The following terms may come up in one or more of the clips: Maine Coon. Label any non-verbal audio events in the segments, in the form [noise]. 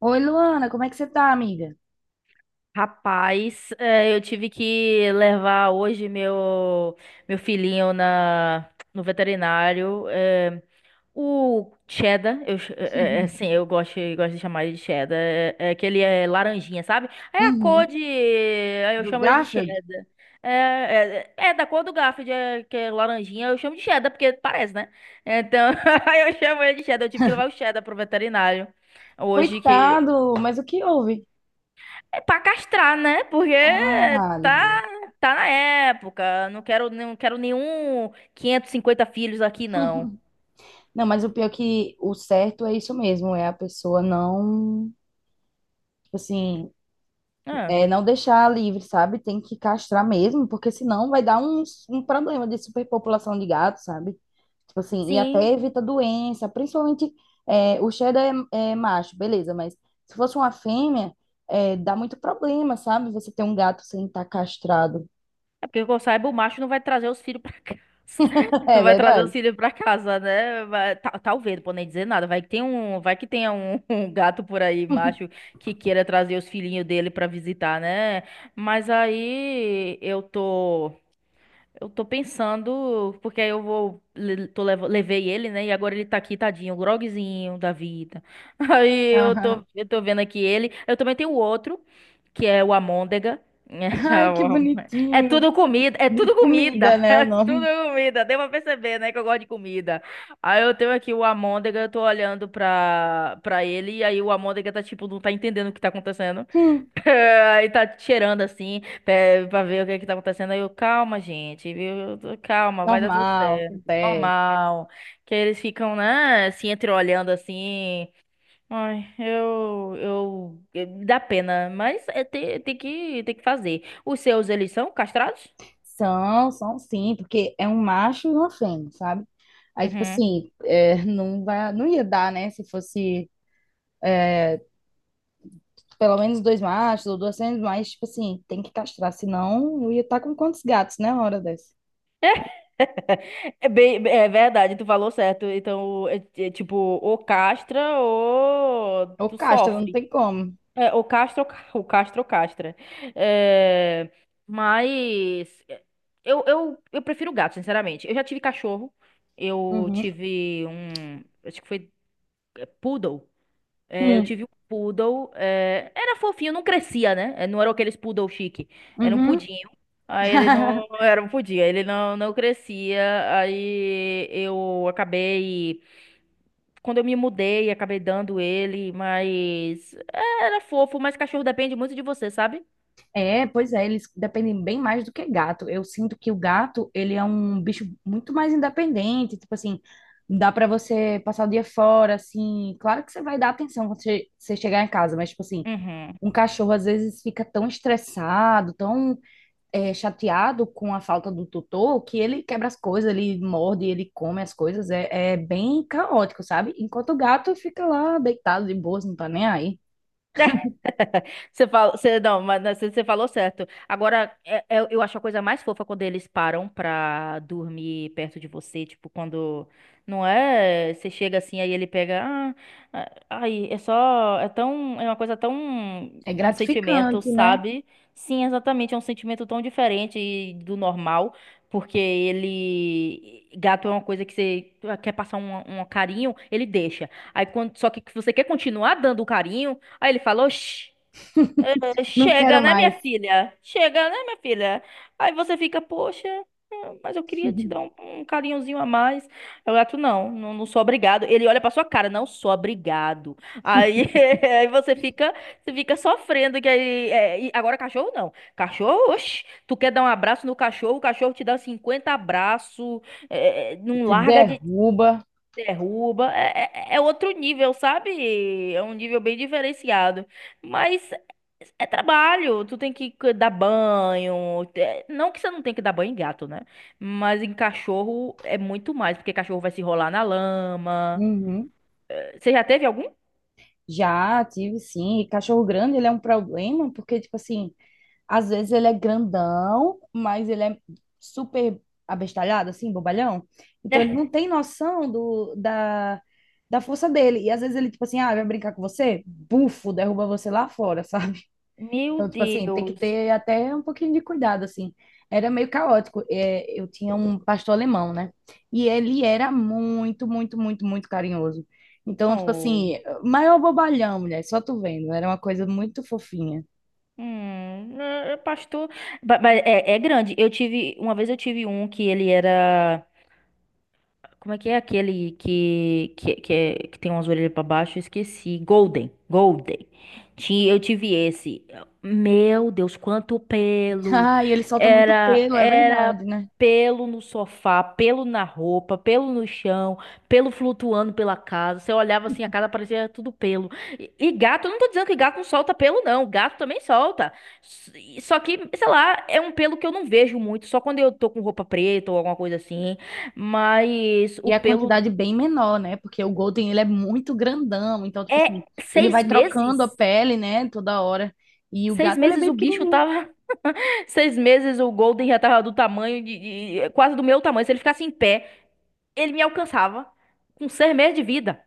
Oi, Luana, como é que você tá, amiga? Rapaz, eu tive que levar hoje meu filhinho na no veterinário. O Cheddar, eu, ch- eh, eh, assim, [laughs] eu gosto de chamar ele de Cheddar. É, é que ele é laranjinha, sabe? É a cor Uhum. de. Aí eu Do chamo ele de Garfield? Cheddar. É da cor do Garfield, é, que é laranjinha, eu chamo de Cheddar, porque parece, né? Então, [laughs] aí eu chamo ele de Cheddar. Eu tive que levar o Cheddar pro veterinário. Hoje que. Coitado, mas o que houve? É pra castrar, né? Porque Ah, tá, Libu. tá na época. Não quero nenhum 550 filhos aqui, não. Não, mas o pior é que o certo é isso mesmo, é a pessoa tipo assim, Ah, não deixar livre, sabe? Tem que castrar mesmo, porque senão vai dar um problema de superpopulação de gatos, sabe? Tipo assim, e sim. até evita doença, principalmente o cheddar é macho, beleza, mas se fosse uma fêmea, dá muito problema, sabe? Você ter um gato sem estar castrado. É porque que eu saiba, o macho não vai trazer os filhos pra casa. [laughs] [laughs] Não É vai trazer os verdade? filhos pra casa, né? Talvez, não vou nem dizer nada. Vai que tenha um, [laughs] um gato por aí, macho, que queira trazer os filhinhos dele pra visitar, né? Mas aí eu tô. Eu tô pensando, porque aí eu vou, le- tô, levo- levei ele, né? E agora ele tá aqui, tadinho, groguezinho da vida. [laughs] Aí eu tô, Aham. eu tô vendo aqui ele. Eu também tenho outro, que é o Amôndega. Ai, que [laughs] bonitinho. É tudo De comida, comida, [laughs] né? O é tudo nome. comida. Deu pra perceber, né, que eu gosto de comida. Aí eu tenho aqui o Amôndega, eu tô olhando pra ele, e aí o Amôndega tá tipo, não tá entendendo o que tá acontecendo. Hum, [laughs] Aí tá cheirando assim. Até pra ver o que é que tá acontecendo. Aí calma, gente, viu? Calma, vai dar tudo normal, certo. acontece. Normal. Que eles ficam, né, assim, entreolhando assim. Ai, dá pena, mas é, tem que fazer. Os seus, eles são castrados? São, são sim, porque é um macho e uma fêmea, sabe? Aí, tipo Uhum. assim, é, não ia dar, né? Se fosse pelo menos dois machos ou duas fêmeas, mas, tipo assim, tem que castrar, senão eu ia estar com quantos gatos, né? Uma hora dessa. [laughs] É, bem, é verdade, tu falou certo. Então, é tipo, ou castra ou Ou tu castra, não sofre. tem como. É, o Castro castra. É, mas é, eu prefiro gato, sinceramente. Eu já tive cachorro. Eu Uhum. tive um. Acho que foi poodle. É, eu Hum. tive um poodle. É, era fofinho, não crescia, né? É, não era aqueles poodle chique. Era um Uhum. pudinho. Aí ele não [laughs] era um pudim, aí ele não crescia. Aí eu acabei. Quando eu me mudei, acabei dando ele, mas é, era fofo, mas cachorro depende muito de você, sabe? É, pois é, eles dependem bem mais do que gato. Eu sinto que o gato, ele é um bicho muito mais independente, tipo assim, dá pra você passar o dia fora, assim. Claro que você vai dar atenção quando você chegar em casa, mas, tipo assim, Uhum. um cachorro às vezes fica tão estressado, tão chateado com a falta do tutor, que ele quebra as coisas, ele morde, ele come as coisas, é bem caótico, sabe? Enquanto o gato fica lá deitado de boas, não tá nem aí. [laughs] Você fala, não, mas você falou certo. Agora, eu acho a coisa mais fofa quando eles param pra dormir perto de você. Tipo, quando. Não é? Você chega assim, aí ele pega. Ai, é só. É tão. É uma coisa tão. É Um sentimento, gratificante, né? sabe? Sim, exatamente. É um sentimento tão diferente do normal. Porque ele. Gato é uma coisa que você quer passar um carinho, ele deixa. Aí, só que você quer continuar dando o carinho. Aí ele falou: Não quero Chega, né, minha mais. filha? Chega, né, minha filha?" Aí você fica, poxa, mas eu queria te dar um carinhozinho a mais. Aí o gato, não, não, não sou obrigado. Ele olha pra sua cara, não sou obrigado. Aí, [laughs] aí você fica sofrendo. Que aí, é, e agora cachorro não. Cachorro, oxe, tu quer dar um abraço no cachorro, o cachorro te dá 50 abraços, não Te larga de, derruba. derruba. É outro nível, sabe? É um nível bem diferenciado. Mas é trabalho. Tu tem que dar banho. É, não que você não tenha que dar banho em gato, né? Mas em cachorro é muito mais, porque cachorro vai se rolar na lama. Uhum. Você já teve algum? Já tive, sim. E cachorro grande, ele é um problema, porque, tipo assim, às vezes ele é grandão, mas ele é super abestalhado, assim, bobalhão. Então ele não [laughs] tem noção da força dele. E às vezes ele, tipo assim, ah, vai brincar com você? Bufo, derruba você lá fora, [laughs] sabe? Meu Então, tipo assim, tem que Deus. ter até um pouquinho de cuidado, assim. Era meio caótico. É, eu tinha um pastor alemão, né? E ele era muito carinhoso. Então, tipo Oh. assim, maior bobalhão, mulher, só tu vendo. Era uma coisa muito fofinha. É pastor, mas é grande. Uma vez eu tive um que ele era como é que é aquele que tem umas orelhas pra baixo? Eu esqueci. Golden. Golden. Eu tive esse. Meu Deus, quanto pelo! Ah, e ele solta muito Era, pelo, é era verdade, né? pelo no sofá, pelo na roupa, pelo no chão, pelo flutuando pela casa. Você olhava assim, a casa parecia tudo pelo. E gato, eu não tô dizendo que gato não solta pelo, não. Gato também solta. Só que, sei lá, é um pelo que eu não vejo muito. Só quando eu tô com roupa preta ou alguma coisa assim. Mas o E a pelo. quantidade é bem menor, né? Porque o Golden, ele é muito grandão, então, tipo assim, É ele seis vai trocando a meses? pele, né, toda hora. E o Seis gato, ele é meses bem o bicho pequenininho. tava. [laughs] 6 meses o Golden já tava do tamanho quase do meu tamanho. Se ele ficasse em pé, ele me alcançava. Com 6 meses de vida.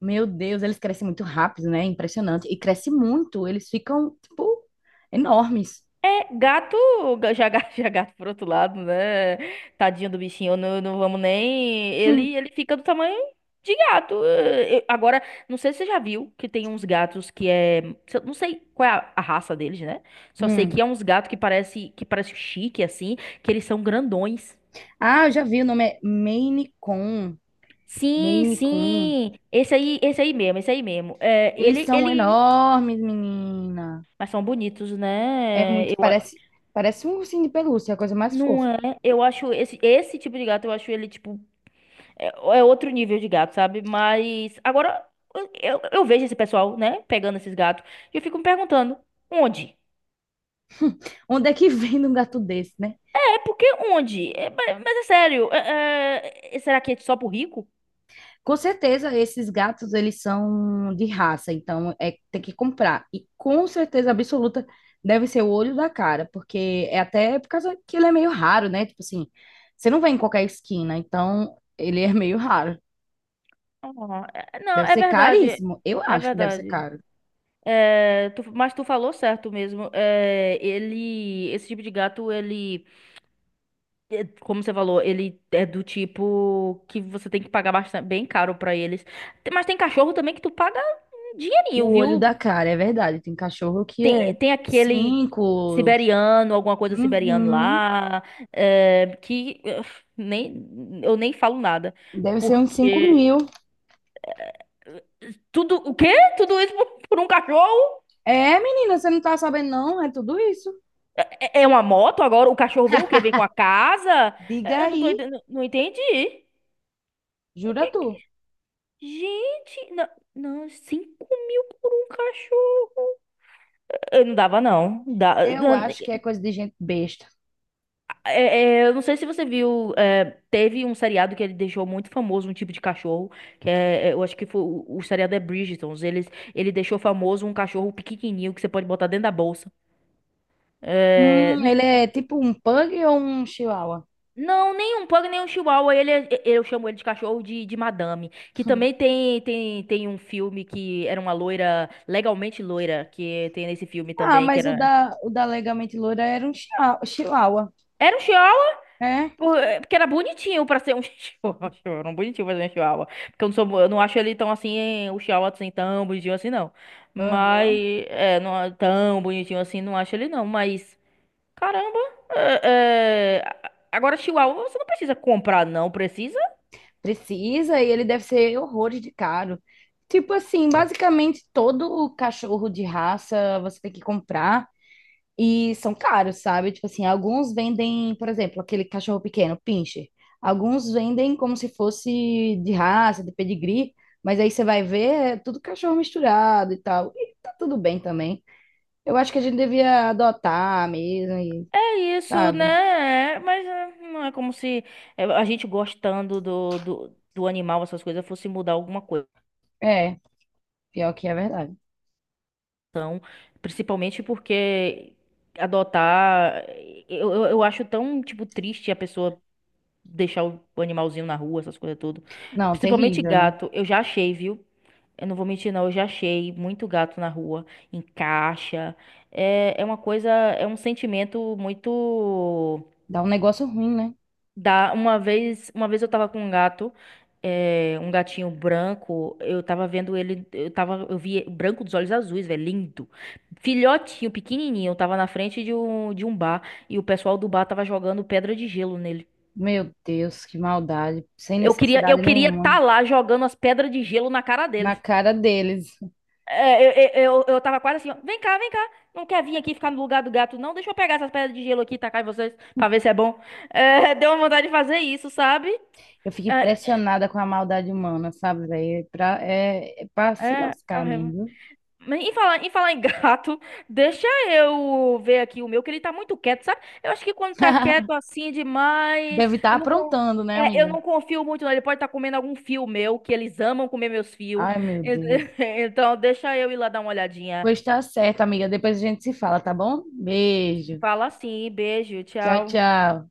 Meu Deus, eles crescem muito rápido, né? Impressionante. E cresce muito, eles ficam, tipo, enormes. É, gato, [laughs] já gato por outro lado, né? Tadinho do bichinho, não, não vamos nem. Ele, Hum. ele fica do tamanho de gato. Agora, não sei se você já viu que tem uns gatos que é. Se eu- Não sei qual é a raça deles, né? Só sei que Hum. é uns gatos que parece chique, assim, que eles são grandões. Ah, eu já vi, o nome é Maine Coon. Sim, Maine Coon. sim. Esse aí mesmo, esse aí mesmo. É, Eles ele, são ele. enormes, menina. Mas são bonitos, É né? muito, parece, parece um ursinho de pelúcia, é a coisa mais Não fofa. é? Eu acho esse tipo de gato, eu acho ele, tipo. É, é outro nível de gato, sabe? Mas agora eu, eu vejo esse pessoal, né, pegando esses gatos e eu fico me perguntando, onde? Onde é que [laughs] vem um gato desse, né? É porque onde? É, mas é sério, será que é só pro rico? Com certeza, esses gatos, eles são de raça, então é, tem que comprar. E com certeza absoluta deve ser o olho da cara, porque é até por causa que ele é meio raro, né? Tipo assim, você não vê em qualquer esquina, então ele é meio raro. Ah, não, Deve é ser verdade, caríssimo. Eu é acho que deve ser verdade. caro. É, mas tu falou certo mesmo. É, ele, esse tipo de gato, ele, é, como você falou, ele é do tipo que você tem que pagar bastante, bem caro pra eles. Mas tem cachorro também que tu paga um dinheirinho, O olho viu? da cara, é verdade. Tem cachorro que Tem, é tem aquele cinco. siberiano, alguma coisa siberiano Uhum. lá, é, que nem, eu nem falo nada. Deve ser uns cinco Porque mil. tudo, o quê? Tudo isso por, [laughs] por um cachorro? É, menina, você não tá sabendo, não? É tudo isso. É uma moto agora? O cachorro vem o quê? Vem com a casa? Diga Eu aí. não entendi. Jura tu? Gente, não, não, 5.000 por um cachorro. Eu não dava, não. Eu acho que é coisa de gente besta. Eu não sei se você viu, é, teve um seriado que ele deixou muito famoso um tipo de cachorro, eu acho que foi, o seriado é Bridgerton, ele deixou famoso um cachorro pequenininho que você pode botar dentro da bolsa. É, Ele é tipo um pug ou um chihuahua? não, nem um pug, nem um chihuahua, eu chamo ele de cachorro de madame, que também tem um filme que era uma loira, legalmente loira, que tem nesse filme Ah, também, que mas o era... da, o da Legalmente Loura era um chihuahua. Era um chihuahua. É? Porque era bonitinho pra ser um [laughs] chihuahua. Era um bonitinho pra ser um chihuahua. Porque eu não acho ele tão assim, o chihuahua assim, tão bonitinho assim, não. Aham. Mas, é, não é tão bonitinho assim, não acho ele não. Mas, caramba, agora chihuahua você não precisa comprar, não precisa. Precisa e ele deve ser horrores de caro. Tipo assim, basicamente todo o cachorro de raça você tem que comprar. E são caros, sabe? Tipo assim, alguns vendem, por exemplo, aquele cachorro pequeno, pincher. Alguns vendem como se fosse de raça, de pedigree, mas aí você vai ver, é tudo cachorro misturado e tal. E tá tudo bem também. Eu acho que a gente devia adotar mesmo, e, É isso, sabe? né? É, mas é, não é como se a gente gostando do animal, essas coisas, fosse mudar alguma coisa. É, pior que é verdade. Então, principalmente porque adotar, eu acho tão, tipo, triste a pessoa deixar o animalzinho na rua, essas coisas tudo. Não, Principalmente terrível, né? gato, eu já achei, viu? Eu não vou mentir, não, eu já achei muito gato na rua, em caixa. É uma coisa, é um sentimento muito. Dá um negócio ruim, né? Dá, uma vez eu tava com um gato, um gatinho branco, eu tava vendo ele, eu vi branco dos olhos azuis, velho, lindo. Filhotinho, pequenininho, eu tava na frente de um bar e o pessoal do bar tava jogando pedra de gelo nele. Meu Deus, que maldade. Sem Eu queria, eu necessidade queria nenhuma. tá lá jogando as pedras de gelo na cara Na deles. cara deles. É, eu tava quase assim, ó, vem cá, vem cá. Não quer vir aqui ficar no lugar do gato, não? Deixa eu pegar essas pedras de gelo aqui e tacar em vocês pra ver se é bom. [laughs] É, deu uma vontade de fazer isso, sabe? Eu fico É, impressionada com a maldade humana, sabe, velho? É pra, é pra se é, lascar é mesmo, viu? Mas em falar em gato, [laughs] deixa eu ver aqui o meu, que ele tá muito quieto, sabe? Eu acho que quando tá quieto [laughs] assim demais, Deve estar aprontando, né, eu amiga? não confio muito, não. Ele pode estar comendo algum fio meu, que eles amam comer meus fios. Ai, meu Deus. [laughs] Então, deixa eu ir lá dar uma olhadinha. Pois tá certo, amiga. Depois a gente se fala, tá bom? Beijo. Fala assim, beijo, Tchau, tchau. tchau.